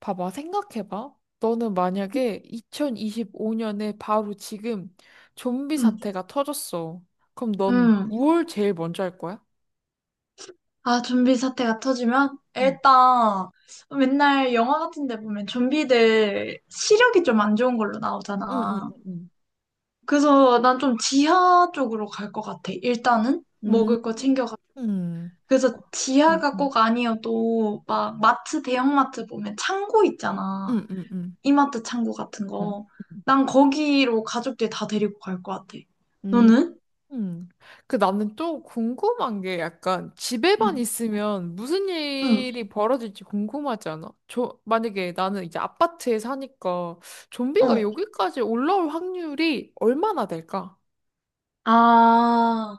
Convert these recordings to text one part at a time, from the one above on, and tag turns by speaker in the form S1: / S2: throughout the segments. S1: 봐봐, 생각해봐. 너는 만약에 2025년에 바로 지금 좀비
S2: 음,
S1: 사태가 터졌어. 그럼 넌
S2: 음.
S1: 뭘 제일 먼저 할 거야?
S2: 아, 좀비 사태가 터지면?
S1: 응
S2: 일단, 맨날 영화 같은 데 보면 좀비들 시력이 좀 안 좋은 걸로
S1: 응, 응,
S2: 나오잖아.
S1: 응,
S2: 그래서 난 좀 지하 쪽으로 갈 것 같아. 일단은
S1: 음,
S2: 먹을 거 챙겨가.
S1: 응.
S2: 그래서
S1: 어,
S2: 지하가
S1: 어,
S2: 꼭 아니어도 막 마트, 대형마트 보면 창고 있잖아.
S1: 응, 응, 응.
S2: 이마트 창고 같은
S1: 응
S2: 거. 난 거기로 가족들 다 데리고 갈 것 같아.
S1: 음,
S2: 너는?
S1: 음. 그 나는 또 궁금한 게 약간 집에만
S2: 응,
S1: 있으면 무슨
S2: 응,
S1: 일이 벌어질지 궁금하지 않아? 저, 만약에 나는 이제 아파트에 사니까 좀비가
S2: 어.
S1: 여기까지 올라올 확률이 얼마나 될까?
S2: 아.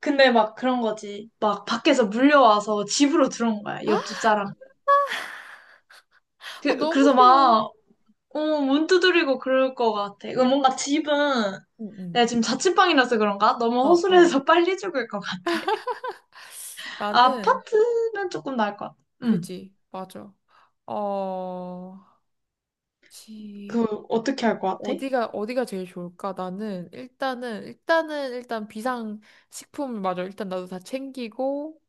S2: 근데 막 그런 거지. 막 밖에서 물려와서 집으로 들어온 거야, 옆집 사람.
S1: 아,
S2: 그,
S1: 너무
S2: 그래서
S1: 싫어.
S2: 막, 어, 문 두드리고 그럴 것 같아. 이거 뭔가 집은,
S1: 응, 응.
S2: 내가 지금 자취방이라서 그런가? 너무
S1: 어, 어.
S2: 허술해서 빨리 죽을 것 같아.
S1: 나는,
S2: 아파트면 조금 나을 것 같아. 응.
S1: 그지. 맞아. 어, 집,
S2: 그, 어떻게 할 것 같아?
S1: 어디가, 어디가 제일 좋을까? 나는, 일단 비상식품, 맞아. 일단 나도 다 챙기고,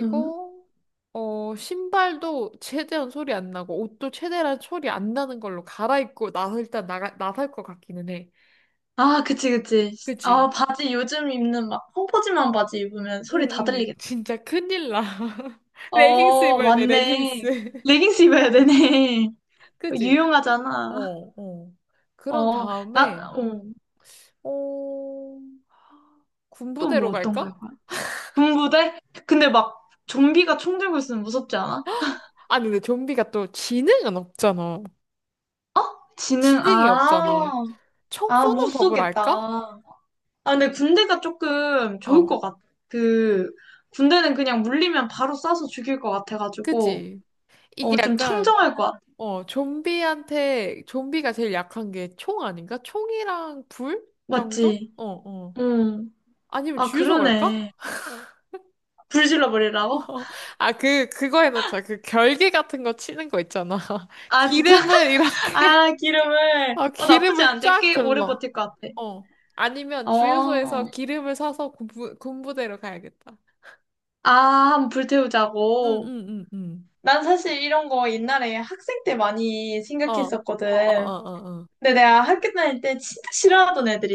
S2: 응.
S1: 어, 신발도 최대한 소리 안 나고, 옷도 최대한 소리 안 나는 걸로 갈아입고, 나서 일단 나설 것 같기는 해.
S2: 아, 그치, 그치. 아,
S1: 그지?
S2: 바지 요즘 입는 막 펑퍼짐한 바지 입으면 소리 다
S1: 응, 응.
S2: 들리겠다.
S1: 진짜 큰일 나. 레깅스
S2: 어,
S1: 입어야 돼,
S2: 맞네.
S1: 레깅스.
S2: 레깅스 입어야 되네.
S1: 그지? 어,
S2: 유용하잖아.
S1: 어. 그런
S2: 어, 나,
S1: 다음에,
S2: 어.
S1: 어,
S2: 또 뭐
S1: 군부대로
S2: 어떤 거해
S1: 갈까?
S2: 요 군부대? 근데 막 좀비가 총 들고 있으면 무섭지 않아?
S1: 아니, 근데 좀비가 또 지능은 없잖아.
S2: 지능,
S1: 지능이
S2: 아,
S1: 없잖아. 총
S2: 아, 못
S1: 쏘는 법을
S2: 쏘겠다.
S1: 알까?
S2: 아, 근데 군대가 조금 좋을
S1: 어,
S2: 것 같아. 그, 군대는 그냥 물리면 바로 쏴서 죽일 것 같아가지고,
S1: 그지? 이게
S2: 어, 좀
S1: 약간,
S2: 청정할 것 같아.
S1: 어, 좀비가 제일 약한 게 총 아닌가? 총이랑 불 정도?
S2: 맞지?
S1: 어, 어.
S2: 응.
S1: 아니면
S2: 아,
S1: 주유소 갈까?
S2: 그러네. 불 질러버리라고?
S1: 아, 그거 해놓자. 그 결계 같은 거 치는 거 있잖아.
S2: 아, 진짜?
S1: 기름을 이렇게.
S2: 아, 기름을.
S1: 아,
S2: 어, 나쁘지
S1: 기름을
S2: 않은데
S1: 쫙
S2: 꽤 오래
S1: 둘러.
S2: 버틸 것 같아.
S1: 어. 아니면
S2: 어.
S1: 주유소에서 기름을 사서 군부대로 가야겠다.
S2: 아, 한번 불
S1: 응,
S2: 태우자고.
S1: 응, 응, 응.
S2: 난 사실 이런 거 옛날에 학생 때 많이
S1: 어, 어, 어,
S2: 생각했었거든.
S1: 어,
S2: 근데 내가 학교 다닐 때 진짜 싫어하던 애들이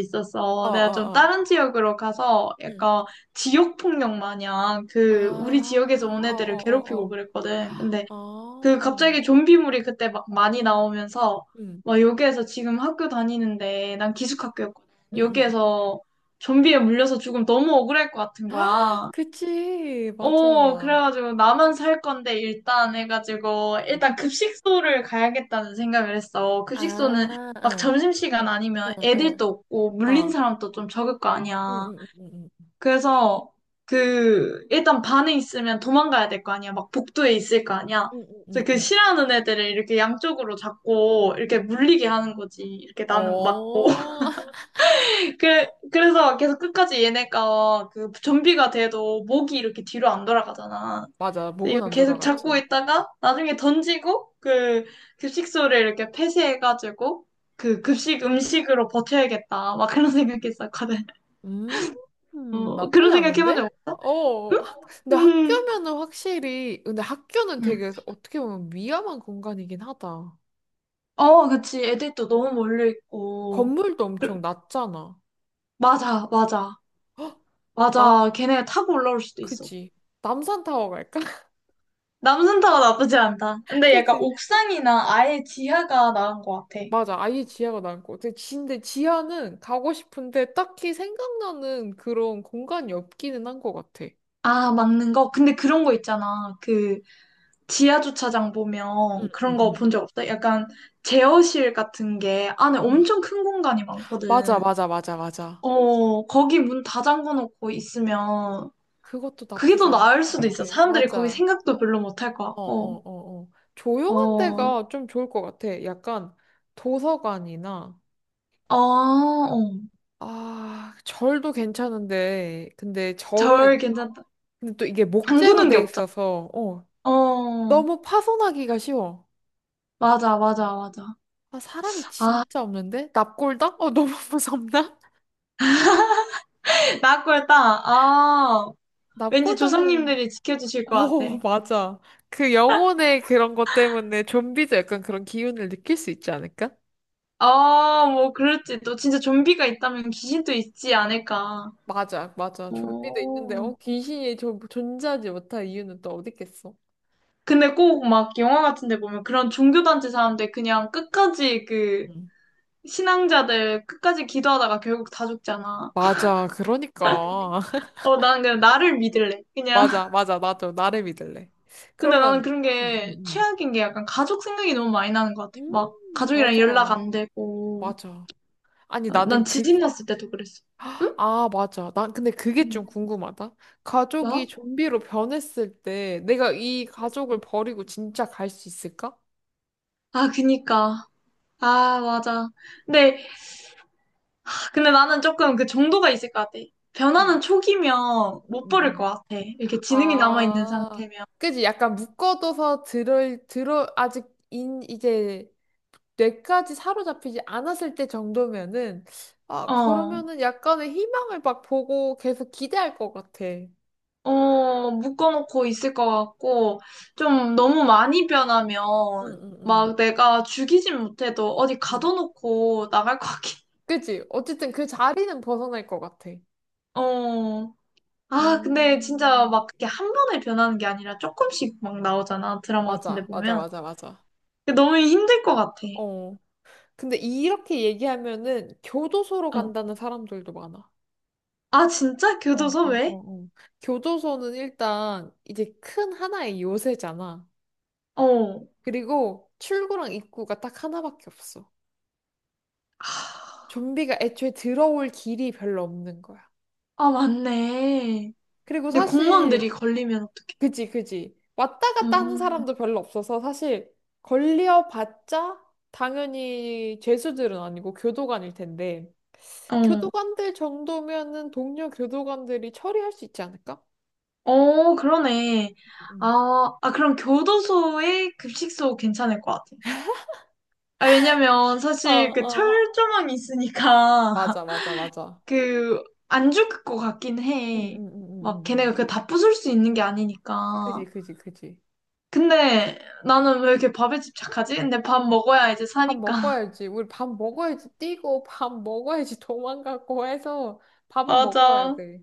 S1: 어,
S2: 있었어.
S1: 어,
S2: 내가 좀
S1: 어, 어.
S2: 다른 지역으로 가서
S1: 응,
S2: 약간 지역폭력 마냥 그 우리
S1: 아,
S2: 지역에서 온
S1: 어, 어,
S2: 애들을 괴롭히고
S1: 어,
S2: 그랬거든. 근데
S1: 어.
S2: 그
S1: 어.
S2: 갑자기 좀비물이 그때 막 많이 나오면서
S1: 응,
S2: 막 여기에서 지금 학교 다니는데 난 기숙학교였거든.
S1: 응, 응. 응.
S2: 여기에서 좀비에 물려서 죽으면 너무 억울할 것 같은
S1: 아,
S2: 거야.
S1: 그치,
S2: 어,
S1: 맞아.
S2: 그래가지고 나만 살 건데 일단 해가지고
S1: 응.
S2: 일단 급식소를 가야겠다는 생각을 했어. 급식소는
S1: 아,
S2: 막
S1: 응,
S2: 점심시간 아니면
S1: 응, 응.
S2: 애들도 없고 물린
S1: 어.
S2: 사람도 좀 적을 거
S1: 응,
S2: 아니야.
S1: 응, 응, 응,
S2: 그래서 그 일단 반에 있으면 도망가야 될 거 아니야. 막 복도에 있을 거 아니야.
S1: 응, 응,
S2: 그래서
S1: 응,
S2: 그
S1: 응.
S2: 싫어하는 애들을 이렇게 양쪽으로 잡고 이렇게
S1: 응.
S2: 물리게 하는 거지. 이렇게 나는 맞고.
S1: 어,
S2: 그래, 그래서 계속 끝까지 얘네가 그 좀비가 돼도 목이 이렇게 뒤로 안 돌아가잖아.
S1: 맞아.
S2: 근데 이거
S1: 목은 안
S2: 계속 잡고
S1: 돌아갔지.
S2: 있다가 나중에 던지고 그 급식소를 이렇게 폐쇄해가지고 그 급식 음식으로 버텨야겠다. 막 그런 생각했었거든.
S1: 음,
S2: 어,
S1: 나쁘지
S2: 그런 생각
S1: 않은데?
S2: 해본 적 없어?
S1: 어,
S2: 응?
S1: 근데
S2: 응.
S1: 학교면은 확실히, 근데 학교는
S2: 응.
S1: 되게 어떻게 보면 위험한 공간이긴 하다.
S2: 어, 그치. 애들도
S1: 네.
S2: 너무 몰려 있고.
S1: 건물도
S2: 그-
S1: 엄청 낮잖아.
S2: 맞아, 맞아.
S1: 남,
S2: 맞아. 걔네가 타고 올라올 수도 있어.
S1: 그치. 남산타워 갈까?
S2: 남산타워 나쁘지 않다. 근데 약간
S1: 그치?
S2: 옥상이나 아예 지하가 나은 것 같아.
S1: 맞아, 아예 지하가 난거 같아. 근데 지하는 가고 싶은데 딱히 생각나는 그런 공간이 없기는 한 것 같아.
S2: 아, 막는 거? 근데 그런 거 있잖아. 그 지하 주차장
S1: 응,
S2: 보면 그런
S1: 응,
S2: 거
S1: 응.
S2: 본 적 없어? 약간 제어실 같은 게 안에
S1: 응.
S2: 엄청 큰 공간이
S1: 맞아,
S2: 많거든.
S1: 맞아, 맞아, 맞아.
S2: 어, 거기 문 다 잠궈 놓고 있으면
S1: 그것도
S2: 그게
S1: 나쁘지
S2: 더
S1: 않은 것
S2: 나을 수도 있어.
S1: 같아.
S2: 사람들이 거기
S1: 맞아.
S2: 생각도 별로 못 할 것
S1: 어,
S2: 같고.
S1: 어, 어, 어. 조용한
S2: 어,
S1: 데가 좀 좋을 것 같아. 약간 도서관이나,
S2: 아, 어,
S1: 아, 절도 괜찮은데, 근데
S2: 절
S1: 절은,
S2: 괜찮다.
S1: 근데 또 이게 목재로
S2: 잠그는 게
S1: 돼
S2: 없잖아.
S1: 있어서, 어,
S2: 어,
S1: 너무 파손하기가 쉬워.
S2: 맞아, 맞아, 맞아.
S1: 아, 사람이
S2: 아,
S1: 진짜 없는데? 납골당? 어, 너무 무섭나?
S2: 나꼴딱 아, 왠지
S1: 납골당은,
S2: 조상님들이 지켜주실 것 같아.
S1: 어, 맞아. 그 영혼의 그런 것 때문에 좀비도 약간 그런 기운을 느낄 수 있지 않을까?
S2: 아, 뭐, 그럴지. 또 진짜 좀비가 있다면 귀신도 있지 않을까.
S1: 맞아, 맞아. 좀비도 있는데,
S2: 오.
S1: 어, 귀신이 좀 존재하지 못할 이유는 또 어디 있겠어?
S2: 근데 꼭 막 영화 같은 데 보면 그런 종교단체 사람들 그냥 끝까지 그
S1: 음.
S2: 신앙자들 끝까지 기도하다가 결국 다 죽잖아.
S1: 맞아. 그러니까.
S2: 어, 나는 그냥 나를 믿을래. 그냥.
S1: 맞아, 맞아. 나도 나를 믿을래.
S2: 근데
S1: 그러면,
S2: 나는 그런 게
S1: 음,
S2: 최악인 게 약간 가족 생각이 너무 많이 나는 것 같아.
S1: 음,
S2: 막
S1: 음. 맞아.
S2: 가족이랑 연락 안 되고.
S1: 맞아. 아니,
S2: 어,
S1: 나는
S2: 난
S1: 그,
S2: 지진 났을 때도 그랬어. 응?
S1: 아, 맞아. 난 근데 그게 좀
S2: 응.
S1: 궁금하다.
S2: 나?
S1: 가족이 좀비로 변했을 때 내가 이 가족을 버리고 진짜 갈 수 있을까?
S2: 아, 그니까. 아, 맞아. 근데 근데 나는 조금 그 정도가 있을 것 같아.
S1: 음,
S2: 변화는 초기면
S1: 음,
S2: 못
S1: 음,
S2: 버릴 것
S1: 음.
S2: 같아. 이렇게 지능이 남아있는
S1: 아,
S2: 상태면.
S1: 그지? 약간 묶어둬서 아직 이제 뇌까지 사로잡히지 않았을 때 정도면은, 아,
S2: 어,
S1: 그러면은 약간의 희망을 막 보고 계속 기대할 것 같아. 응,
S2: 어, 묶어놓고 있을 것 같고, 좀 너무 많이 변하면,
S1: 응, 응.
S2: 막 내가 죽이진 못해도 어디
S1: 응.
S2: 가둬놓고 나갈 것 같긴.
S1: 그치? 어쨌든 그 자리는 벗어날 것 같아.
S2: 어. 아, 근데 진짜
S1: 음.
S2: 막 그게 한 번에 변하는 게 아니라 조금씩 막 나오잖아. 드라마 같은 데
S1: 맞아, 맞아,
S2: 보면.
S1: 맞아, 맞아.
S2: 근데 너무 힘들 것 같아.
S1: 어. 근데 이렇게 얘기하면은 교도소로
S2: 어.
S1: 간다는 사람들도 많아.
S2: 아, 진짜?
S1: 어,
S2: 교도소
S1: 어,
S2: 왜?
S1: 어, 어. 교도소는 일단 이제 큰 하나의 요새잖아.
S2: 어.
S1: 그리고 출구랑 입구가 딱 하나밖에 없어.
S2: 하.
S1: 좀비가 애초에 들어올 길이 별로 없는 거야.
S2: 아, 맞네.
S1: 그리고
S2: 근데
S1: 사실,
S2: 공무원들이 걸리면 어떡해?
S1: 그지, 그지. 왔다 갔다 하는
S2: 음,
S1: 사람도 별로 없어서 사실 걸려봤자 당연히 죄수들은 아니고 교도관일 텐데,
S2: 어,
S1: 교도관들 정도면은 동료 교도관들이 처리할 수 있지 않을까?
S2: 어, 그러네.
S1: 음.
S2: 아, 아, 그럼 교도소에 급식소 괜찮을 것 같아. 아, 왜냐면
S1: 어,
S2: 사실 그
S1: 어.
S2: 철조망이 있으니까
S1: 맞아, 맞아, 맞아.
S2: 그 안 죽을 것 같긴
S1: 응,
S2: 해.
S1: 응, 응, 응,
S2: 막
S1: 응.
S2: 걔네가 그 다 부술 수 있는 게 아니니까.
S1: 그지, 그지, 그지.
S2: 근데 나는 왜 이렇게 밥에 집착하지? 근데 밥 먹어야 이제
S1: 밥
S2: 사니까.
S1: 먹어야지. 우리 밥 먹어야지 뛰고, 밥 먹어야지 도망가고 해서 밥은 먹어야
S2: 맞아.
S1: 돼.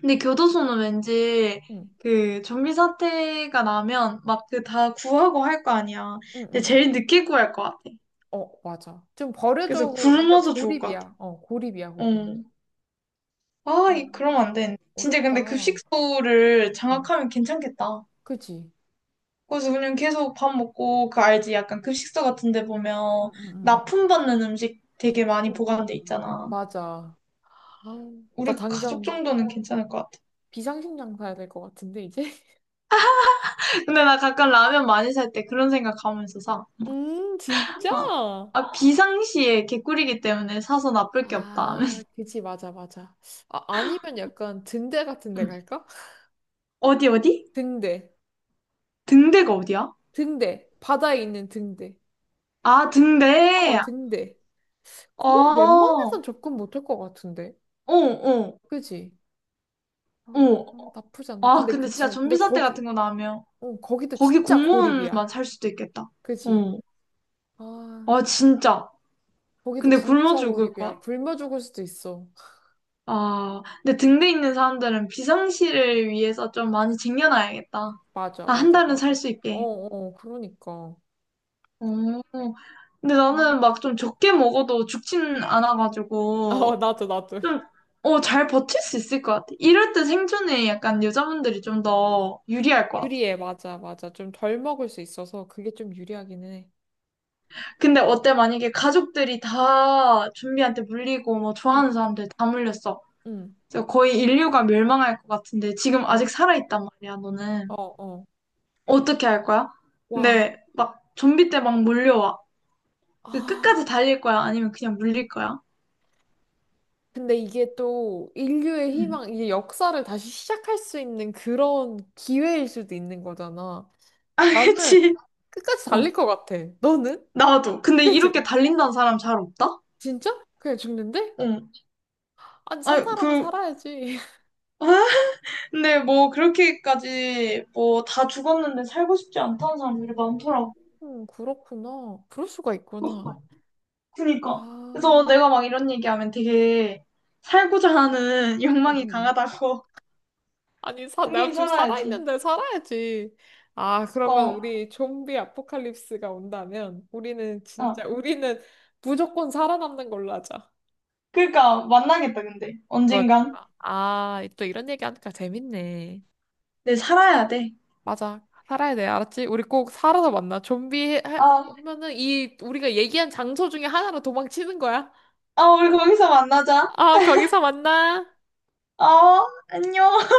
S2: 근데 교도소는 왠지
S1: 응.
S2: 그 좀비 사태가 나면 막 그 다 구하고 할 거 아니야.
S1: 응, 응,
S2: 근데
S1: 응.
S2: 제일 늦게 구할 것 같아.
S1: 어, 맞아. 좀
S2: 그래서
S1: 버려져고 완전
S2: 굶어서 죽을 것 같아.
S1: 고립이야. 어, 고립이야, 거긴.
S2: 어. 아,
S1: 아,
S2: 이 그러면 안 돼. 진짜
S1: 어렵다.
S2: 근데
S1: 어,
S2: 급식소를 장악하면 괜찮겠다.
S1: 그지?
S2: 그래서 그냥 계속 밥 먹고 그 알지? 약간 급식소 같은 데
S1: 응,
S2: 보면
S1: 응, 응. 응.
S2: 납품받는 음식 되게 많이
S1: 응, 응,
S2: 보관돼
S1: 응, 응.
S2: 있잖아.
S1: 맞아. 아, 나
S2: 우리 가족
S1: 당장
S2: 정도는 괜찮을 것 같아.
S1: 비상식량 사야 될 것 같은데, 이제?
S2: 근데 나 가끔 라면 많이 살 때 그런 생각하면서 사.
S1: 진짜?
S2: 어. 아, 비상시에 개꿀이기 때문에 사서 나쁠 게 없다. 하면서.
S1: 아, 그지, 맞아, 맞아. 아, 아니면 약간 등대 같은 데
S2: 음.
S1: 갈까?
S2: 어디, 어디?
S1: 등대,
S2: 등대가 어디야?
S1: 등대, 바다에 있는 등대.
S2: 아,
S1: 이-
S2: 등대!
S1: 어, 등대.
S2: 어,
S1: 거긴
S2: 어,
S1: 웬만해선 접근 못할 것 같은데,
S2: 어,
S1: 그지? 아,
S2: 어.
S1: 나쁘지 않다.
S2: 아, 근데 진짜
S1: 근데
S2: 좀비 사태
S1: 거기,
S2: 같은 거 나오면
S1: 어, 거기도
S2: 거기
S1: 진짜
S2: 공무원만
S1: 고립이야.
S2: 살 수도 있겠다.
S1: 그지?
S2: 어.
S1: 아,
S2: 아, 진짜.
S1: 거기도
S2: 근데 굶어
S1: 진짜
S2: 죽을 것
S1: 고립이야.
S2: 같아.
S1: 굶어 죽을 수도 있어.
S2: 아, 근데 등대 있는 사람들은 비상시를 위해서 좀 많이 쟁여놔야겠다.
S1: 맞아,
S2: 아, 한
S1: 맞아,
S2: 달은 살
S1: 맞아.
S2: 수
S1: 어,
S2: 있게.
S1: 어, 그러니까.
S2: 어, 근데
S1: 아.
S2: 나는 막 좀 적게 먹어도 죽진
S1: 어,
S2: 않아가지고,
S1: 나도, 나도.
S2: 좀, 어, 잘 버틸 수 있을 것 같아. 이럴 때 생존에 약간 여자분들이 좀 더 유리할 것 같아.
S1: 유리해, 맞아, 맞아. 좀 덜 먹을 수 있어서 그게 좀 유리하기는 해.
S2: 근데 어때? 만약에 가족들이 다 좀비한테 물리고, 뭐, 좋아하는
S1: 응,
S2: 사람들 다 물렸어.
S1: 응,
S2: 그래서 거의 인류가 멸망할 것 같은데, 지금
S1: 어,
S2: 아직 살아있단 말이야, 너는.
S1: 어, 어.
S2: 어떻게 할 거야?
S1: 와,
S2: 근데 막 좀비 때 막 몰려와. 그
S1: 아.
S2: 끝까지 달릴 거야? 아니면 그냥 물릴 거야?
S1: 근데 이게 또 인류의
S2: 응.
S1: 희망, 이게 역사를 다시 시작할 수 있는 그런 기회일 수도 있는 거잖아.
S2: 아,
S1: 나는
S2: 그치.
S1: 끝까지
S2: 어.
S1: 달릴 것 같아. 너는?
S2: 나도. 근데
S1: 그치?
S2: 이렇게 달린다는 사람 잘 없다?
S1: 진짜? 그냥 죽는데?
S2: 응.
S1: 아니, 산
S2: 아니,
S1: 사람은
S2: 그,
S1: 살아야지.
S2: 어? 근데 뭐 그렇게까지 뭐 다 죽었는데 살고 싶지 않다는
S1: 음,
S2: 사람들이 많더라고.
S1: 그렇구나. 그럴 수가
S2: 그-
S1: 있구나.
S2: 그니까.
S1: 아,
S2: 그래서 내가 막 이런 얘기하면 되게 살고자 하는
S1: 음,
S2: 욕망이
S1: 음.
S2: 강하다고.
S1: 아니, 내가
S2: 당연히
S1: 좀
S2: 살아야지.
S1: 살아있는데 살아야지. 아, 그러면
S2: 어,
S1: 우리 좀비 아포칼립스가 온다면 우리는 진짜,
S2: 어.
S1: 우리는 무조건 살아남는 걸로 하자.
S2: 그러니까 만나겠다, 근데. 언젠간.
S1: 그러니까. 아, 또 이런 얘기하니까 재밌네.
S2: 네, 살아야 돼.
S1: 맞아. 살아야 돼. 알았지? 우리 꼭 살아서 만나. 좀비
S2: 아,
S1: 하면은 이 우리가 얘기한 장소 중에 하나로 도망치는 거야.
S2: 아, 우리 거기서 만나자.
S1: 아, 거기서 만나.
S2: 어, 안녕.